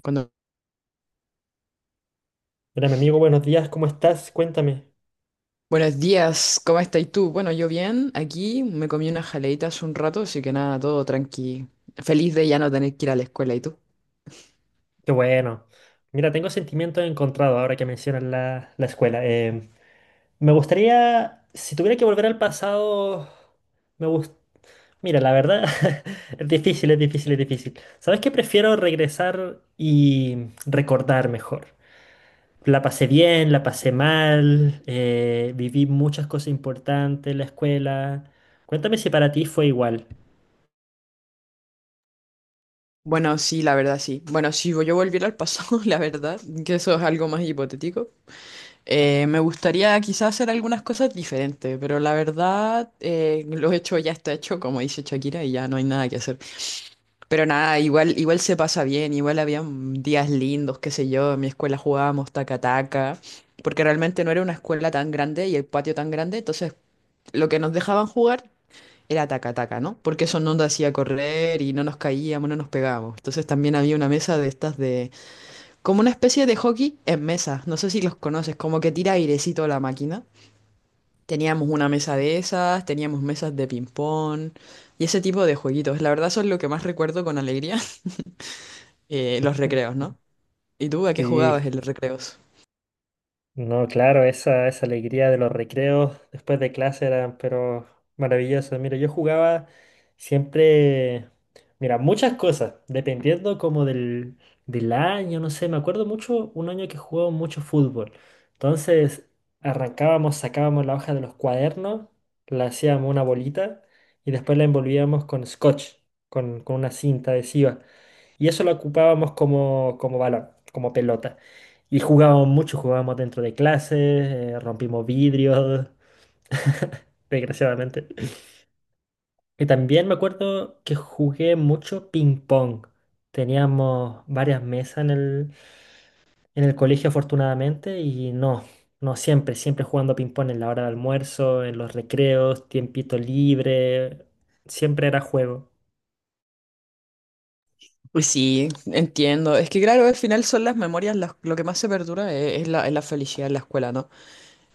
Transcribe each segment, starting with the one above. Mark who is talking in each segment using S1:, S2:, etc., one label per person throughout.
S1: Cuando-
S2: Hola, mi amigo, buenos días, ¿cómo estás? Cuéntame.
S1: Buenos días, ¿cómo estás tú? Bueno, yo bien, aquí me comí unas jaleitas hace un rato, así que nada, todo tranqui. Feliz de ya no tener que ir a la escuela, ¿y tú?
S2: Qué bueno. Mira, tengo sentimientos encontrados ahora que mencionas la escuela. Me gustaría, si tuviera que volver al pasado, me gusta... Mira, la verdad, es difícil, es difícil, es difícil. ¿Sabes qué? Prefiero regresar y recordar mejor. La pasé bien, la pasé mal, viví muchas cosas importantes en la escuela. Cuéntame si para ti fue igual.
S1: Bueno, sí, la verdad sí. Bueno, si yo volviera al pasado, la verdad, que eso es algo más hipotético, me gustaría quizás hacer algunas cosas diferentes, pero la verdad, lo hecho ya está hecho, como dice Shakira, y ya no hay nada que hacer. Pero nada, igual, igual se pasa bien, igual habían días lindos, qué sé yo, en mi escuela jugábamos taca-taca, porque realmente no era una escuela tan grande y el patio tan grande, entonces lo que nos dejaban jugar era taca-taca, ¿no? Porque eso no nos hacía correr y no nos caíamos, no nos pegábamos. Entonces también había una mesa de estas de, como una especie de hockey en mesa, no sé si los conoces, como que tira airecito la máquina. Teníamos una mesa de esas, teníamos mesas de ping-pong y ese tipo de jueguitos. La verdad, eso es lo que más recuerdo con alegría, los recreos, ¿no? ¿Y tú a qué jugabas
S2: Sí.
S1: en los recreos?
S2: No, claro, esa alegría de los recreos después de clase eran, pero maravilloso. Mira, yo jugaba siempre, mira, muchas cosas, dependiendo como del año, no sé, me acuerdo mucho un año que jugaba mucho fútbol. Entonces, arrancábamos, sacábamos la hoja de los cuadernos, la hacíamos una bolita y después la envolvíamos con scotch, con una cinta adhesiva. Y eso lo ocupábamos como, como balón, como pelota. Y jugábamos mucho, jugábamos dentro de clases, rompimos vidrios, desgraciadamente. Y también me acuerdo que jugué mucho ping pong. Teníamos varias mesas en el colegio, afortunadamente, y no, no siempre, siempre jugando ping pong en la hora de almuerzo, en los recreos, tiempito libre, siempre era juego.
S1: Pues sí, entiendo. Es que claro, al final son las memorias, lo que más se perdura es la felicidad en la escuela, ¿no?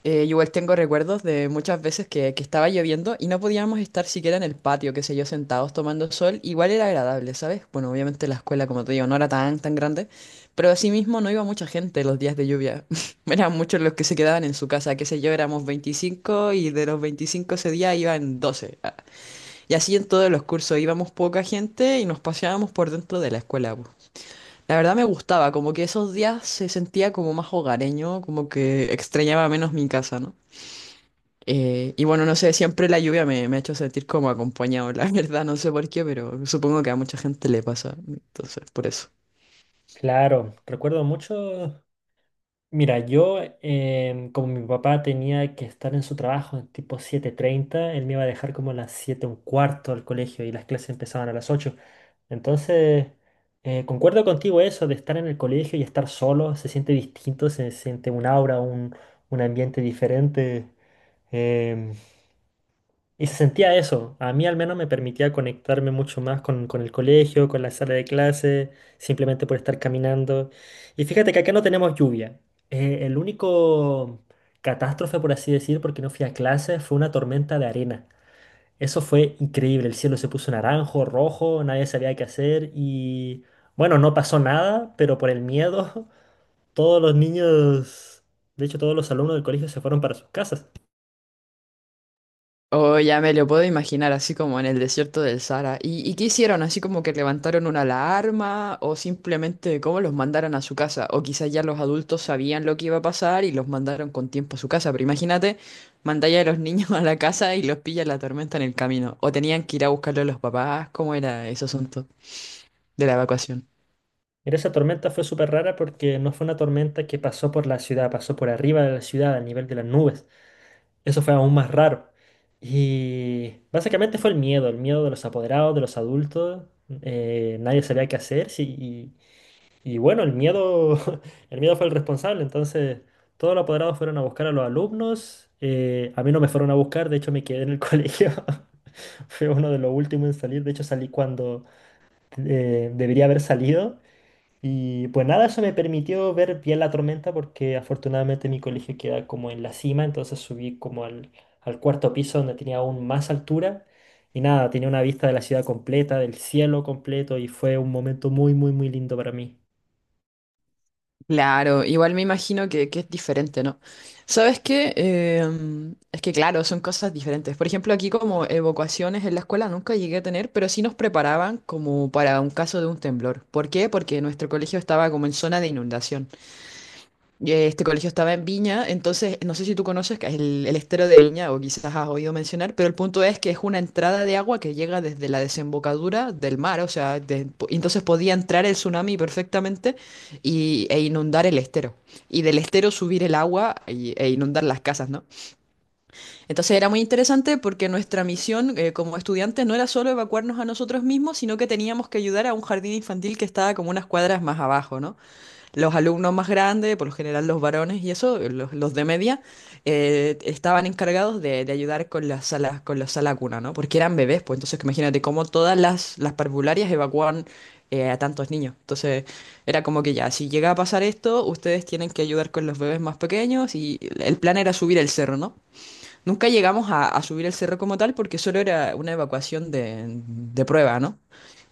S1: Yo igual tengo recuerdos de muchas veces que estaba lloviendo y no podíamos estar siquiera en el patio, qué sé yo, sentados tomando sol. Igual era agradable, ¿sabes? Bueno, obviamente la escuela, como te digo, no era tan, tan grande, pero asimismo no iba mucha gente los días de lluvia. Eran muchos los que se quedaban en su casa, qué sé yo, éramos 25 y de los 25 ese día iban 12. Y así en todos los cursos íbamos poca gente y nos paseábamos por dentro de la escuela. Po. La verdad me gustaba, como que esos días se sentía como más hogareño, como que extrañaba menos mi casa, ¿no? Y bueno, no sé, siempre la lluvia me, me ha hecho sentir como acompañado, la verdad, no sé por qué, pero supongo que a mucha gente le pasa, entonces, por eso.
S2: Claro, recuerdo mucho. Mira, yo, como mi papá tenía que estar en su trabajo en tipo 7:30, él me iba a dejar como a las 7:15 al colegio y las clases empezaban a las 8. Entonces, concuerdo contigo eso de estar en el colegio y estar solo, se siente distinto, se siente un aura, un ambiente diferente. em, y se sentía eso. A mí al menos me permitía conectarme mucho más con el colegio, con la sala de clase, simplemente por estar caminando. Y fíjate que acá no tenemos lluvia. El único catástrofe, por así decir, porque no fui a clase, fue una tormenta de arena. Eso fue increíble. El cielo se puso naranjo, rojo, nadie sabía qué hacer y bueno, no pasó nada, pero por el miedo, todos los niños, de hecho todos los alumnos del colegio se fueron para sus casas.
S1: Oh, ya me lo puedo imaginar, así como en el desierto del Sahara. Y qué hicieron? ¿Así como que levantaron una alarma o simplemente cómo los mandaron a su casa? O quizás ya los adultos sabían lo que iba a pasar y los mandaron con tiempo a su casa. Pero imagínate, mandáis a los niños a la casa y los pilla la tormenta en el camino. O tenían que ir a buscarlo a los papás. ¿Cómo era ese asunto de la evacuación?
S2: Mira, esa tormenta fue súper rara porque no fue una tormenta que pasó por la ciudad, pasó por arriba de la ciudad, a nivel de las nubes. Eso fue aún más raro. Y básicamente fue el miedo de los apoderados, de los adultos. Nadie sabía qué hacer. Sí, y bueno, el miedo, el miedo fue el responsable. Entonces, todos los apoderados fueron a buscar a los alumnos. A mí no me fueron a buscar, de hecho me quedé en el colegio. Fue uno de los últimos en salir. De hecho, salí cuando debería haber salido. Y pues nada, eso me permitió ver bien la tormenta porque afortunadamente mi colegio queda como en la cima, entonces subí como al cuarto piso donde tenía aún más altura y nada, tenía una vista de la ciudad completa, del cielo completo y fue un momento muy, muy, muy lindo para mí.
S1: Claro, igual me imagino que es diferente, ¿no? ¿Sabes qué? Es que claro, son cosas diferentes. Por ejemplo, aquí como evacuaciones en la escuela nunca llegué a tener, pero sí nos preparaban como para un caso de un temblor. ¿Por qué? Porque nuestro colegio estaba como en zona de inundación. Este colegio estaba en Viña, entonces no sé si tú conoces que es el estero de Viña o quizás has oído mencionar, pero el punto es que es una entrada de agua que llega desde la desembocadura del mar, o sea, entonces podía entrar el tsunami perfectamente e inundar el estero, y del estero subir el agua e inundar las casas, ¿no? Entonces era muy interesante porque nuestra misión, como estudiantes no era solo evacuarnos a nosotros mismos, sino que teníamos que ayudar a un jardín infantil que estaba como unas cuadras más abajo, ¿no? Los alumnos más grandes, por lo general los varones y eso, los de media, estaban encargados de ayudar con las salas, con la sala cuna, ¿no? Porque eran bebés, pues entonces imagínate cómo todas las parvularias evacuaban, a tantos niños. Entonces era como que ya, si llega a pasar esto, ustedes tienen que ayudar con los bebés más pequeños y el plan era subir el cerro, ¿no? Nunca llegamos a subir el cerro como tal porque solo era una evacuación de prueba, ¿no?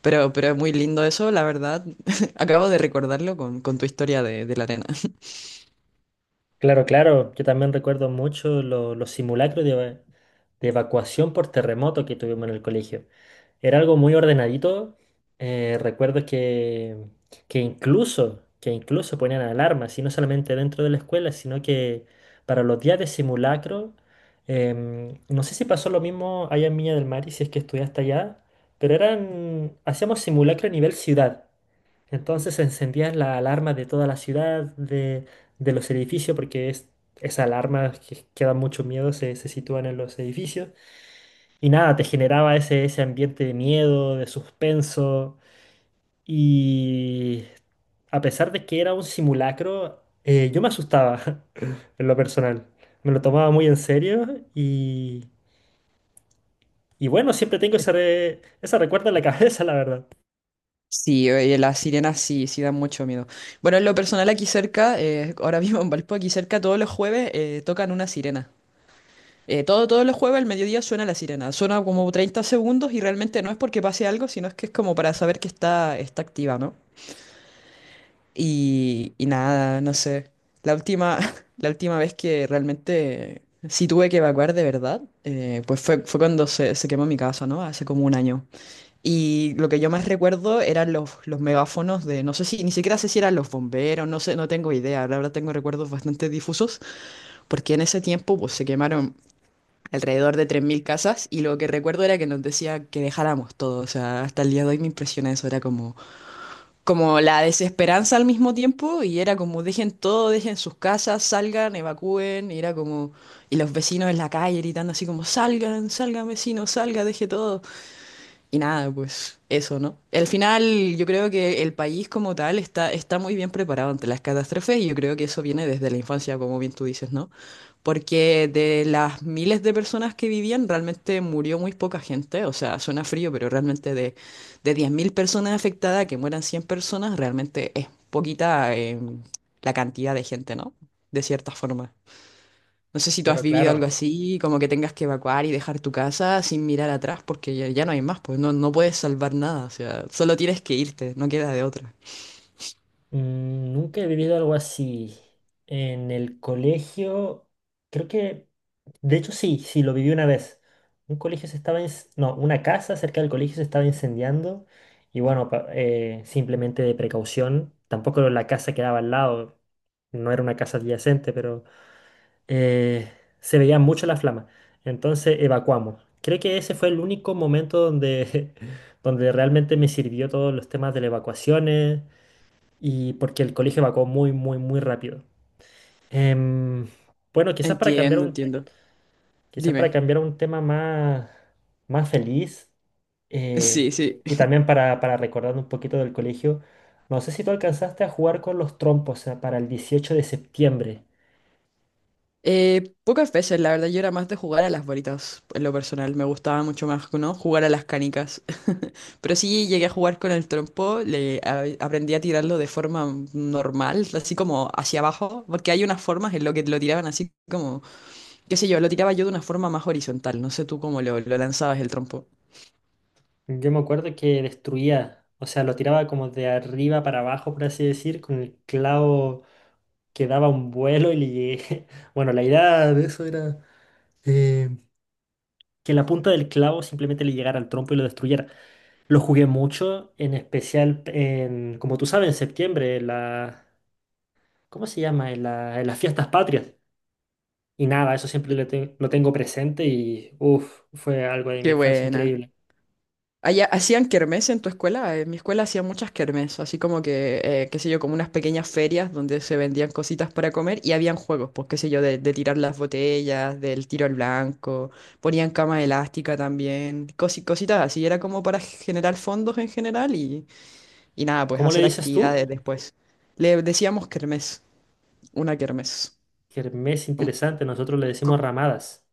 S1: Pero es muy lindo eso, la verdad. Acabo de recordarlo con tu historia de la arena.
S2: Claro, claro. Yo también recuerdo mucho los simulacros de, de evacuación por terremoto que tuvimos en el colegio. Era algo muy ordenadito. Recuerdo que, que incluso ponían alarmas, y no solamente dentro de la escuela, sino que para los días de simulacro, no sé si pasó lo mismo allá en Viña del Mar y si es que estudiaste allá, pero eran, hacíamos simulacro a nivel ciudad. Entonces se encendían las alarmas de toda la ciudad, de los edificios, porque es, esa alarma que dan mucho miedo se sitúan en los edificios. Y nada, te generaba ese ambiente de miedo, de suspenso. Y a pesar de que era un simulacro, yo me asustaba en lo personal. Me lo tomaba muy en serio y, y bueno, siempre tengo ese, ese recuerdo en la cabeza, la verdad.
S1: Sí, oye, las sirenas sí, sí dan mucho miedo. Bueno, en lo personal aquí cerca, ahora mismo en Valpo, aquí cerca, todos los jueves tocan una sirena. Todos los jueves al mediodía suena la sirena. Suena como 30 segundos y realmente no es porque pase algo, sino es que es como para saber que está activa, ¿no? Y nada, no sé. La última, la última vez que realmente sí tuve que evacuar de verdad, pues fue, fue cuando se quemó mi casa, ¿no? Hace como un año. Y lo que yo más recuerdo eran los megáfonos de, no sé si, ni siquiera sé si eran los bomberos, no sé, no tengo idea. La verdad tengo recuerdos bastante difusos, porque en ese tiempo pues se quemaron alrededor de 3.000 casas y lo que recuerdo era que nos decía que dejáramos todo. O sea, hasta el día de hoy me impresiona eso, era como como la desesperanza al mismo tiempo y era como dejen todo, dejen sus casas, salgan, evacúen, y era como, y los vecinos en la calle gritando así como salgan, salgan vecinos, salga, deje todo. Y nada, pues eso, ¿no? Al final, yo creo que el país como tal está, está muy bien preparado ante las catástrofes y yo creo que eso viene desde la infancia, como bien tú dices, ¿no? Porque de las miles de personas que vivían, realmente murió muy poca gente, o sea, suena frío, pero realmente de 10.000 personas afectadas, que mueran 100 personas, realmente es poquita, la cantidad de gente, ¿no? De cierta forma. No sé si tú
S2: Pero
S1: has vivido
S2: claro.
S1: algo así, como que tengas que evacuar y dejar tu casa sin mirar atrás porque ya, ya no hay más, pues no, no puedes salvar nada, o sea, solo tienes que irte, no queda de otra.
S2: Mm, nunca he vivido algo así. En el colegio, creo que, de hecho sí, sí, lo viví una vez. Un colegio se estaba, no, una casa cerca del colegio se estaba incendiando y bueno, simplemente de precaución, tampoco la casa quedaba al lado, no era una casa adyacente, pero eh, se veía mucho la flama. Entonces evacuamos. Creo que ese fue el único momento donde, donde realmente me sirvió todos los temas de las evacuaciones y porque el colegio evacuó muy, muy, muy rápido. Em, bueno,
S1: Entiendo, entiendo.
S2: quizás para
S1: Dime.
S2: cambiar a un tema más, más feliz eh,
S1: Sí, sí.
S2: y también para recordar un poquito del colegio, no sé si tú alcanzaste a jugar con los trompos, o para el 18 de septiembre.
S1: Pocas veces, la verdad, yo era más de jugar a las bolitas, en lo personal, me gustaba mucho más, ¿no? Jugar a las canicas. Pero sí llegué a jugar con el trompo, le aprendí a tirarlo de forma normal, así como hacia abajo, porque hay unas formas en lo que lo tiraban así como qué sé yo, lo tiraba yo de una forma más horizontal. No sé tú cómo lo, lanzabas el trompo.
S2: Yo me acuerdo que destruía, o sea, lo tiraba como de arriba para abajo, por así decir, con el clavo que daba un vuelo y Bueno, la idea de eso era eh, que la punta del clavo simplemente le llegara al trompo y lo destruyera. Lo jugué mucho, en especial en, como tú sabes, en septiembre, en la, ¿cómo se llama? En en las fiestas patrias. Y nada, eso siempre lo, lo tengo presente y uff, fue algo de mi
S1: Qué
S2: infancia
S1: buena.
S2: increíble.
S1: Allá, ¿hacían kermés en tu escuela? En mi escuela hacían muchas kermés, así como que, qué sé yo, como unas pequeñas ferias donde se vendían cositas para comer y habían juegos, pues qué sé yo, de tirar las botellas, del tiro al blanco, ponían cama elástica también, cositas así, era como para generar fondos en general y nada, pues
S2: ¿Cómo le
S1: hacer
S2: dices tú?
S1: actividades después. Le decíamos kermés, una kermés.
S2: Kermés interesante, nosotros le decimos ramadas.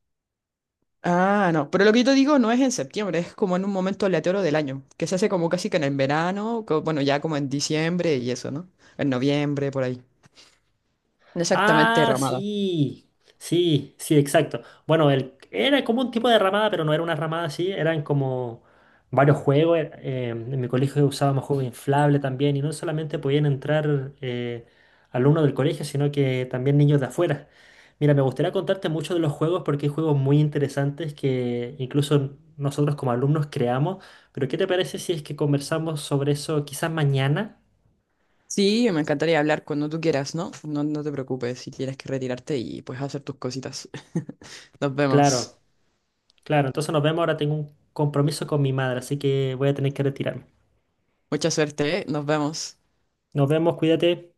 S1: Ah, no, pero lo que yo te digo no es en septiembre, es como en un momento aleatorio del año, que se hace como casi que en el verano, co- bueno, ya como en diciembre y eso, ¿no? En noviembre, por ahí. Exactamente,
S2: Ah,
S1: Ramada.
S2: sí, sí, sí, exacto. Bueno, el, era como un tipo de ramada, pero no era una ramada así, eran como varios juegos. En mi colegio usábamos juegos inflables también y no solamente podían entrar alumnos del colegio, sino que también niños de afuera. Mira, me gustaría contarte mucho de los juegos porque hay juegos muy interesantes que incluso nosotros como alumnos creamos, pero ¿qué te parece si es que conversamos sobre eso quizás mañana?
S1: Sí, me encantaría hablar cuando tú quieras, ¿no? No, no te preocupes si tienes que retirarte y pues hacer tus cositas. Nos vemos.
S2: Claro. Claro, entonces nos vemos. Ahora tengo un compromiso con mi madre, así que voy a tener que retirarme.
S1: Mucha suerte, ¿eh? Nos vemos.
S2: Nos vemos, cuídate.